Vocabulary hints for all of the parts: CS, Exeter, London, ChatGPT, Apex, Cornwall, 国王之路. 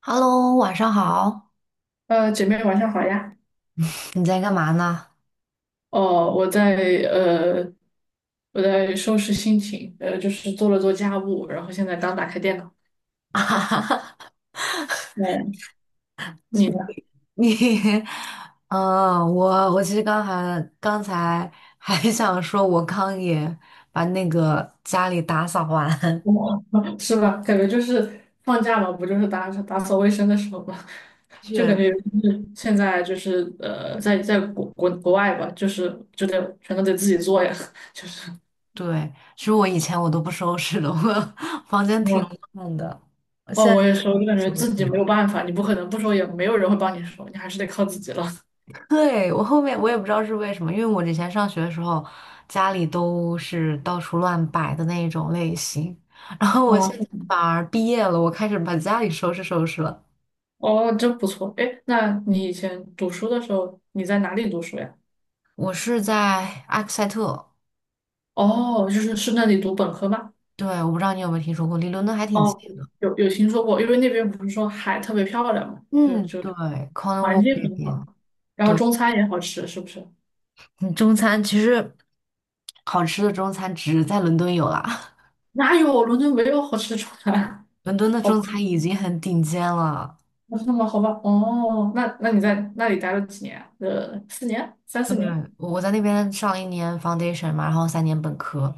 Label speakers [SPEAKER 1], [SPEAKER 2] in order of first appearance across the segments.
[SPEAKER 1] Hello,晚上好。
[SPEAKER 2] 姐妹晚上好呀。
[SPEAKER 1] 你在干嘛呢？
[SPEAKER 2] 哦，我在呃，我在收拾心情，就是做家务，然后现在刚打开电脑。
[SPEAKER 1] 啊
[SPEAKER 2] 嗯，你呢？
[SPEAKER 1] 你，嗯,我其实刚还刚才还想说，我刚也把那个家里打扫完。
[SPEAKER 2] 我 是吧？感觉就是放假嘛，不就是打打扫卫生的时候嘛，就感
[SPEAKER 1] 确实，
[SPEAKER 2] 觉就是现在就是在在国外吧，就是就得全都得自己做呀。
[SPEAKER 1] 对，其实我以前都不收拾的，我 房间挺
[SPEAKER 2] 哇
[SPEAKER 1] 乱的，我
[SPEAKER 2] 哦，
[SPEAKER 1] 现
[SPEAKER 2] 我
[SPEAKER 1] 在
[SPEAKER 2] 也是，我就感觉
[SPEAKER 1] 收拾
[SPEAKER 2] 自己没有
[SPEAKER 1] 了。
[SPEAKER 2] 办法，你不可能不收，也没有人会帮你收，你还是得靠自己了。
[SPEAKER 1] 对，我后面我也不知道是为什么，因为我之前上学的时候，家里都是到处乱摆的那种类型，然后我
[SPEAKER 2] 哦。
[SPEAKER 1] 现在反而毕业了，我开始把家里收拾收拾了。
[SPEAKER 2] 哦，真不错。哎，那你以前读书的时候，你在哪里读书呀？
[SPEAKER 1] 我是在埃克塞特，
[SPEAKER 2] 哦，就是是那里读本科吗？
[SPEAKER 1] 对，我不知道你有没有听说过，离伦敦还挺近
[SPEAKER 2] 哦，
[SPEAKER 1] 的。
[SPEAKER 2] 有有听说过，因为那边不是说海特别漂亮嘛，就
[SPEAKER 1] 嗯，
[SPEAKER 2] 就
[SPEAKER 1] 对
[SPEAKER 2] 环
[SPEAKER 1] ，Cornwall
[SPEAKER 2] 境
[SPEAKER 1] 那
[SPEAKER 2] 很好，
[SPEAKER 1] 边，
[SPEAKER 2] 然后
[SPEAKER 1] 对，
[SPEAKER 2] 中餐也好吃，是不是？
[SPEAKER 1] 嗯中餐其实好吃的中餐只在伦敦有啦，
[SPEAKER 2] 哪有伦敦没有好吃的中餐？
[SPEAKER 1] 伦敦 的
[SPEAKER 2] 好
[SPEAKER 1] 中
[SPEAKER 2] 吧，
[SPEAKER 1] 餐已经很顶尖了。
[SPEAKER 2] 那是吗？好吧，哦，那你在那里待了几年啊四年，三四年。
[SPEAKER 1] 对，我在那边上了一年 foundation 嘛，然后三年本科。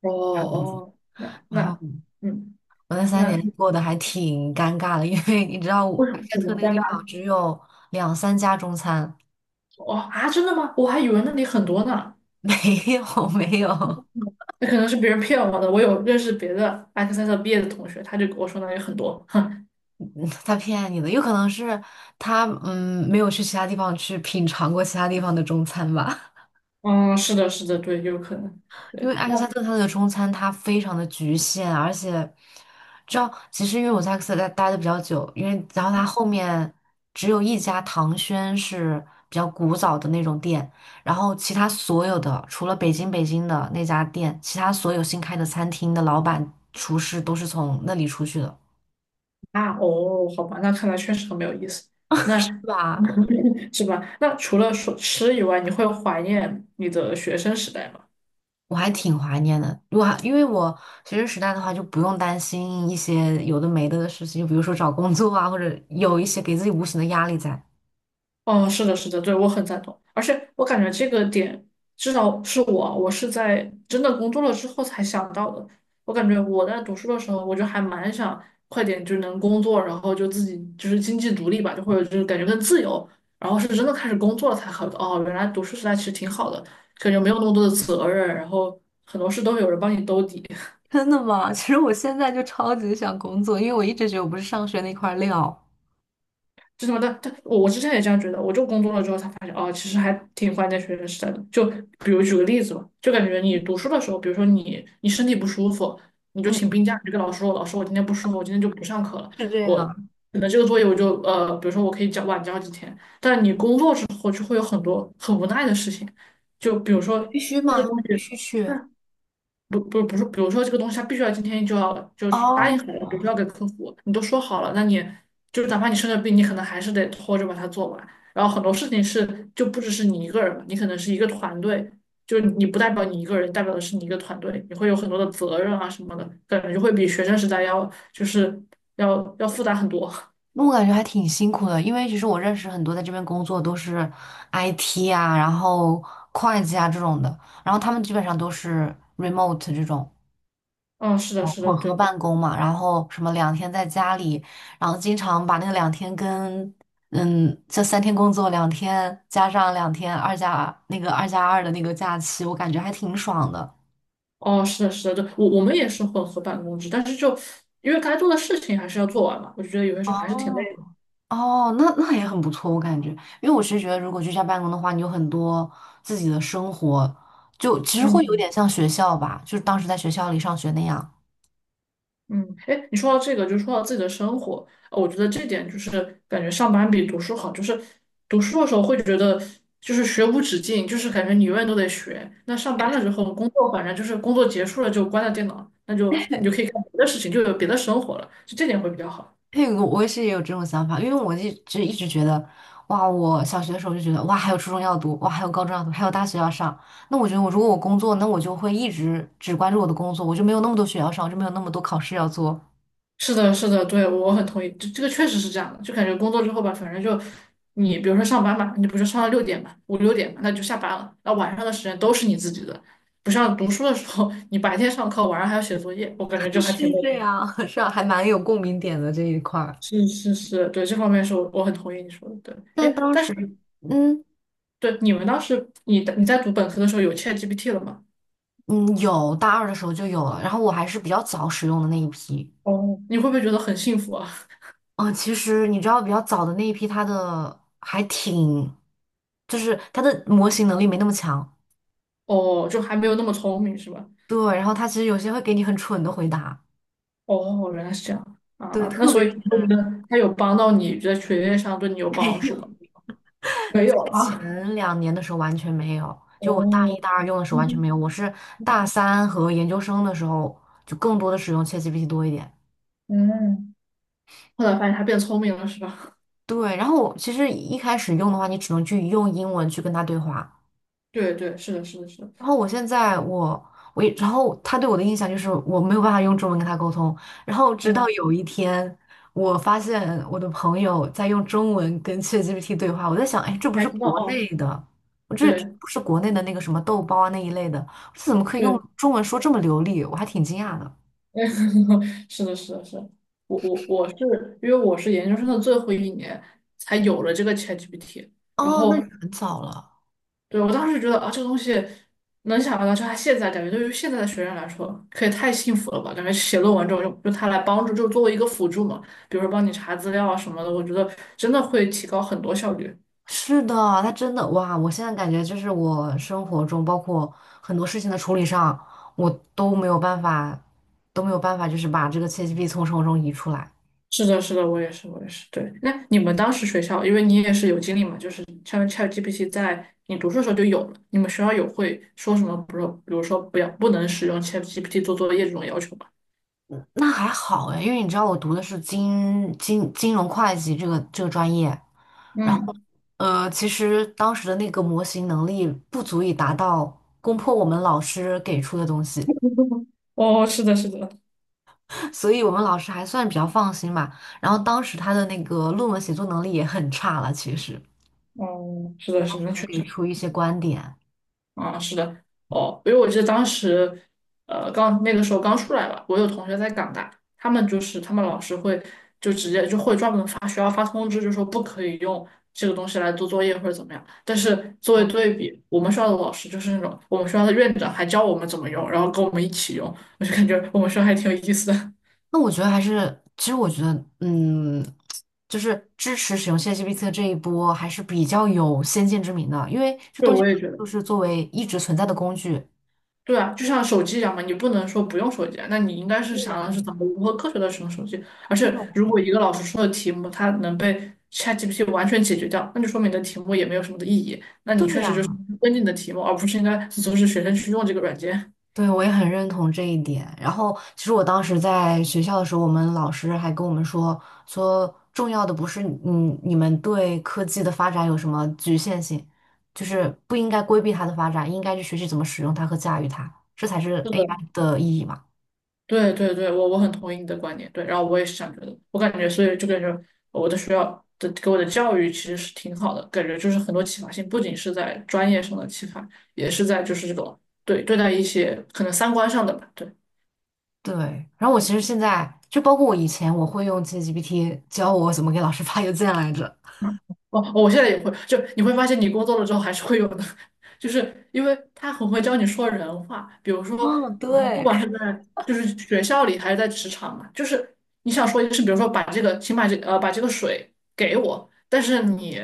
[SPEAKER 2] 哦哦，那
[SPEAKER 1] 然后
[SPEAKER 2] 那嗯，
[SPEAKER 1] 我那三年
[SPEAKER 2] 那
[SPEAKER 1] 过得还挺尴尬的，因为你知道我
[SPEAKER 2] 为什
[SPEAKER 1] 埃
[SPEAKER 2] 么
[SPEAKER 1] 塞
[SPEAKER 2] 怎
[SPEAKER 1] 特
[SPEAKER 2] 么
[SPEAKER 1] 那个
[SPEAKER 2] 尴
[SPEAKER 1] 地方
[SPEAKER 2] 尬？
[SPEAKER 1] 只有两三家中餐，
[SPEAKER 2] 哦啊，真的吗？我还以为那里很多呢。
[SPEAKER 1] 没有没有，
[SPEAKER 2] 那可能是别人骗我的。我有认识别的埃克塞特毕业的同学，他就跟我说那里很多。哼，
[SPEAKER 1] 嗯他骗你的，有可能是他没有去其他地方去品尝过其他地方的中餐吧。
[SPEAKER 2] 嗯，是的，是的，对，有可能。
[SPEAKER 1] 因为
[SPEAKER 2] 对，
[SPEAKER 1] 艾
[SPEAKER 2] 那
[SPEAKER 1] 克萨特它的中餐它非常的局限，而且知道，其实因为我在艾克萨特待的比较久，然后它后面只有一家唐轩是比较古早的那种店，然后其他所有的除了北京的那家店，其他所有新开的餐厅的老板厨师都是从那里出去的，
[SPEAKER 2] 啊，哦，好吧，那看来确实很没有意思。
[SPEAKER 1] 对
[SPEAKER 2] 那
[SPEAKER 1] 吧？
[SPEAKER 2] 是吧？那除了说吃以外，你会怀念你的学生时代吗？
[SPEAKER 1] 我还挺怀念的，因为我学生时代的话，就不用担心一些有的没的的事情，就比如说找工作啊，或者有一些给自己无形的压力在。
[SPEAKER 2] 哦，是的，是的，对，我很赞同，而且我感觉这个点，至少是我，我是在真的工作了之后才想到的。我感觉我在读书的时候，我就还蛮想快点就能工作，然后就自己就是经济独立吧，就或者就是感觉更自由。然后是真的开始工作了才好，哦，原来读书时代其实挺好的，感觉没有那么多的责任，然后很多事都有人帮你兜底。
[SPEAKER 1] 真的吗？其实我现在就超级想工作，因为我一直觉得我不是上学那块料。
[SPEAKER 2] 就什么的，但我之前也这样觉得，我就工作了之后才发现，哦，其实还挺怀念学生时代的。就比如举个例子吧，就感觉你读书的时候，比如说你身体不舒服，你就
[SPEAKER 1] 嗯，
[SPEAKER 2] 请病假，你就跟老师说，老师我今天不舒服，我今天就不上课了，
[SPEAKER 1] 是这
[SPEAKER 2] 我
[SPEAKER 1] 样。
[SPEAKER 2] 那这个作业我就比如说我可以交几天。但你工作之后就会有很多很无奈的事情，就比如说
[SPEAKER 1] 必须
[SPEAKER 2] 这个东
[SPEAKER 1] 吗？必须
[SPEAKER 2] 西。
[SPEAKER 1] 去。
[SPEAKER 2] 不是，比如说这个东西，它必须要今天就要就是答
[SPEAKER 1] 哦，
[SPEAKER 2] 应好了，比如说要给客户，你都说好了，那你就是哪怕你生了病，你可能还是得拖着把它做完。然后很多事情是就不只是你一个人嘛，你可能是一个团队，就是你不代表你一个人，代表的是你一个团队，你会有很多的责任啊什么的，感觉会比学生时代要就是要复杂很多。
[SPEAKER 1] 那我感觉还挺辛苦的，因为其实我认识很多在这边工作都是 IT 啊，然后会计啊这种的，然后他们基本上都是 remote 这种。
[SPEAKER 2] 嗯，是的，
[SPEAKER 1] 哦，
[SPEAKER 2] 是
[SPEAKER 1] 混
[SPEAKER 2] 的，
[SPEAKER 1] 合
[SPEAKER 2] 对，
[SPEAKER 1] 办公嘛，然后什么两天在家里，然后经常把那个两天跟这三天工作，两天加上两天二加那个二加二的那个假期，我感觉还挺爽的。
[SPEAKER 2] 哦，是的，是的，对，我我们也是混合办公制，但是就因为该做的事情还是要做完嘛，我就觉得有些时候还是挺
[SPEAKER 1] 哦
[SPEAKER 2] 累的。
[SPEAKER 1] 哦，那那也很不错，我感觉，因为我是觉得，如果居家办公的话，你有很多自己的生活，就其实会有
[SPEAKER 2] 嗯。
[SPEAKER 1] 点像学校吧，就是当时在学校里上学那样。
[SPEAKER 2] 嗯，哎，你说到这个，就说到自己的生活，我觉得这点就是感觉上班比读书好，就是读书的时候会觉得就是学无止境，就是感觉你永远都得学。那上班了之后，工作反正就是工作结束了就关了电脑，那就你就可以干别的事情，就有别的生活了，就这点会比较好。
[SPEAKER 1] 对，我也是也有这种想法，因为我一直觉得，哇，我小学的时候就觉得，哇，还有初中要读，哇，还有高中要读，还有大学要上。那我觉得我，如果我工作，那我就会一直只关注我的工作，我就没有那么多学校上，我就没有那么多考试要做。
[SPEAKER 2] 是的，是的，对，我很同意，这个确实是这样的，就感觉工作之后吧，反正就你比如说上班嘛，你不是上到六点嘛，五六点嘛，那就下班了，那晚上的时间都是你自己的，不像读书的时候，你白天上课，晚上还要写作业，我感觉 就还挺
[SPEAKER 1] 是
[SPEAKER 2] 累
[SPEAKER 1] 这
[SPEAKER 2] 的。
[SPEAKER 1] 样，是啊，还蛮有共鸣点的这一块儿。
[SPEAKER 2] 是是是，对，这方面是我很同意你说的，对，
[SPEAKER 1] 但
[SPEAKER 2] 哎，
[SPEAKER 1] 当
[SPEAKER 2] 但
[SPEAKER 1] 时，
[SPEAKER 2] 是
[SPEAKER 1] 嗯
[SPEAKER 2] 对你们当时你在读本科的时候有 ChatGPT 了吗？
[SPEAKER 1] 嗯，有大二的时候就有了，然后我还是比较早使用的那一批。
[SPEAKER 2] 哦，你会不会觉得很幸福啊？
[SPEAKER 1] 嗯，其实你知道，比较早的那一批，它的还挺，就是它的模型能力没那么强。
[SPEAKER 2] 哦，就还没有那么聪明是吧？
[SPEAKER 1] 对，然后他其实有些会给你很蠢的回答，
[SPEAKER 2] 哦，哦原来是这样
[SPEAKER 1] 对，
[SPEAKER 2] 啊，那
[SPEAKER 1] 特
[SPEAKER 2] 所
[SPEAKER 1] 别
[SPEAKER 2] 以
[SPEAKER 1] 是
[SPEAKER 2] 你会觉得他有帮到你在学业上对你有
[SPEAKER 1] 没
[SPEAKER 2] 帮助
[SPEAKER 1] 有。
[SPEAKER 2] 吗？没有 啊，
[SPEAKER 1] 前两年的时候完全没有，就我大一
[SPEAKER 2] 哦，
[SPEAKER 1] 大二用的时候完全没
[SPEAKER 2] 嗯，
[SPEAKER 1] 有，大三和研究生的时候就更多的使用 ChatGPT 多一点。
[SPEAKER 2] 嗯，后来发现他变聪明了，是吧？
[SPEAKER 1] 对，然后我其实一开始用的话，你只能去用英文去跟他对话，
[SPEAKER 2] 对对，是的，是的，是的，
[SPEAKER 1] 然后我现在我我一，然后他对我的印象就是我没有办法用中文跟他沟通。然后直
[SPEAKER 2] 哦，
[SPEAKER 1] 到有一天，我发现我的朋友在用中文跟 ChatGPT 对话，我在想，哎，这
[SPEAKER 2] 你
[SPEAKER 1] 不
[SPEAKER 2] 还
[SPEAKER 1] 是
[SPEAKER 2] 知道
[SPEAKER 1] 国
[SPEAKER 2] 哦，
[SPEAKER 1] 内的，我这
[SPEAKER 2] 对
[SPEAKER 1] 不是国内的那个什么豆包啊那一类的，这怎么可以用
[SPEAKER 2] 对，
[SPEAKER 1] 中文说这么流利？我还挺惊讶的。
[SPEAKER 2] 是的，是的，是的，我是因为我是研究生的最后一年才有了这个 ChatGPT，然
[SPEAKER 1] 哦，那你
[SPEAKER 2] 后
[SPEAKER 1] 很早了。
[SPEAKER 2] 对，我当时觉得啊，这个东西能想到，就他现在感觉对于现在的学生来说，可以太幸福了吧？感觉写论文这种用它来帮助，就作为一个辅助嘛，比如说帮你查资料啊什么的，我觉得真的会提高很多效率。
[SPEAKER 1] 是的，他真的哇！我现在感觉就是我生活中，包括很多事情的处理上，我都没有办法，都没有办法，就是把这个 c h a g p 从生活中移出来。
[SPEAKER 2] 是的，是的，我也是，我也是。对，那你们当时学校，因为你也是有经历嘛，就是像 ChatGPT 在你读书的时候就有了，你们学校有会说什么，比如说不要不能使用 ChatGPT 做作业这种要求吗？
[SPEAKER 1] 那还好哎，因为你知道我读的是金融会计这个专业，然后
[SPEAKER 2] 嗯，
[SPEAKER 1] 其实当时的那个模型能力不足以达到攻破我们老师给出的东西，
[SPEAKER 2] 哦，是的，是的，
[SPEAKER 1] 所以我们老师还算比较放心吧。然后当时他的那个论文写作能力也很差了，其实。
[SPEAKER 2] 哦，是的，
[SPEAKER 1] 对，他
[SPEAKER 2] 是的，
[SPEAKER 1] 只
[SPEAKER 2] 那
[SPEAKER 1] 欢
[SPEAKER 2] 确
[SPEAKER 1] 给
[SPEAKER 2] 实。
[SPEAKER 1] 出一些观点。
[SPEAKER 2] 啊，是的，哦，因为我记得当时，刚那个时候刚出来吧，我有同学在港大，他们就是他们老师会就直接就会专门发学校发通知，就说不可以用这个东西来做作业或者怎么样。但是作为
[SPEAKER 1] 嗯，
[SPEAKER 2] 对比，我们学校的老师就是那种我们学校的院长还教我们怎么用，然后跟我们一起用，我就感觉我们学校还挺有意思的。
[SPEAKER 1] 那我觉得还是，其实我觉得，嗯，就是支持使用 c h a t 这一波还是比较有先见之明的，因为 这
[SPEAKER 2] 对，
[SPEAKER 1] 东西
[SPEAKER 2] 我也觉
[SPEAKER 1] 就
[SPEAKER 2] 得。
[SPEAKER 1] 是作为一直存在的工具。
[SPEAKER 2] 对啊，就像手机一样嘛，你不能说不用手机啊那你应该是
[SPEAKER 1] 对
[SPEAKER 2] 想
[SPEAKER 1] 呀，
[SPEAKER 2] 的是怎么如何科学的使用手机。而且，
[SPEAKER 1] 对
[SPEAKER 2] 如果一个老师出的题目，它能被 ChatGPT 完全解决掉，那就说明你的题目也没有什么的意义。那你
[SPEAKER 1] 对
[SPEAKER 2] 确实
[SPEAKER 1] 呀，
[SPEAKER 2] 就是跟进你的题目，而不是应该阻止学生去用这个软件。
[SPEAKER 1] 对，我也很认同这一点。然后，其实我当时在学校的时候，我们老师还跟我们说，说重要的不是你们对科技的发展有什么局限性，就是不应该规避它的发展，应该去学习怎么使用它和驾驭它，这才是
[SPEAKER 2] 是的。
[SPEAKER 1] AI 的意义嘛。
[SPEAKER 2] 对对对，我很同意你的观点，对，然后我也是这样觉得，我感觉所以就感觉我的学校的给我的教育其实是挺好的，感觉就是很多启发性，不仅是在专业上的启发，也是在就是这种对对待一些可能三观上的吧，对。
[SPEAKER 1] 对。然后我其实现在就包括我以前，我会用 ChatGPT 教我怎么给老师发邮件来着。
[SPEAKER 2] 哦，哦我现在也会，就你会发现你工作了之后还是会有的，就是因为他很会教你说人话，比如说，
[SPEAKER 1] 嗯，
[SPEAKER 2] 你知道不
[SPEAKER 1] 对，
[SPEAKER 2] 管是在就是学校里还是在职场嘛，就是你想说一个事，比如说把这个，请把这把这个水给我，但是你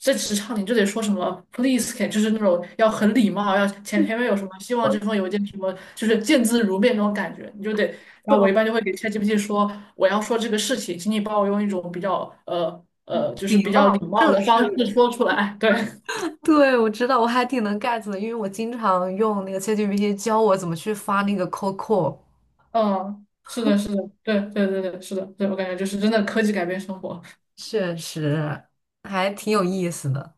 [SPEAKER 2] 在职场你就得说什么 please can，就是那种要很礼貌，要前面有什么希 望
[SPEAKER 1] 我
[SPEAKER 2] 这封邮件什么，就是见字如面那种感觉，你就得然后我
[SPEAKER 1] 懂，
[SPEAKER 2] 一般就会给 ChatGPT 说，我要说这个事情，请你帮我用一种比较就是
[SPEAKER 1] 礼
[SPEAKER 2] 比较
[SPEAKER 1] 貌
[SPEAKER 2] 礼貌
[SPEAKER 1] 正
[SPEAKER 2] 的方式
[SPEAKER 1] 式。
[SPEAKER 2] 说出来。对，
[SPEAKER 1] 对，我知道，我还挺能 get 的，因为我经常用那个 ChatGPT 教我怎么去发那个 COCO,
[SPEAKER 2] 嗯，是的，是的，对对对对，是的，对我感觉就是真的科技改变生活。
[SPEAKER 1] 确实还挺有意思的。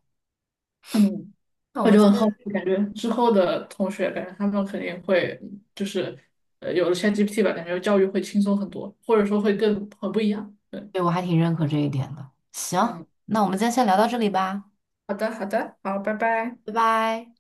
[SPEAKER 2] 嗯，
[SPEAKER 1] 那我
[SPEAKER 2] 我
[SPEAKER 1] 们
[SPEAKER 2] 就
[SPEAKER 1] 今
[SPEAKER 2] 很
[SPEAKER 1] 天，
[SPEAKER 2] 好奇，感觉之后的同学，感觉他们肯定会就是有了 ChatGPT 吧，感觉教育会轻松很多，或者说会更很不一样。对，
[SPEAKER 1] 对，我还挺认可这一点的。行，
[SPEAKER 2] 嗯，
[SPEAKER 1] 那我们今天先聊到这里吧，
[SPEAKER 2] 好的好的，好，拜拜。
[SPEAKER 1] 拜拜。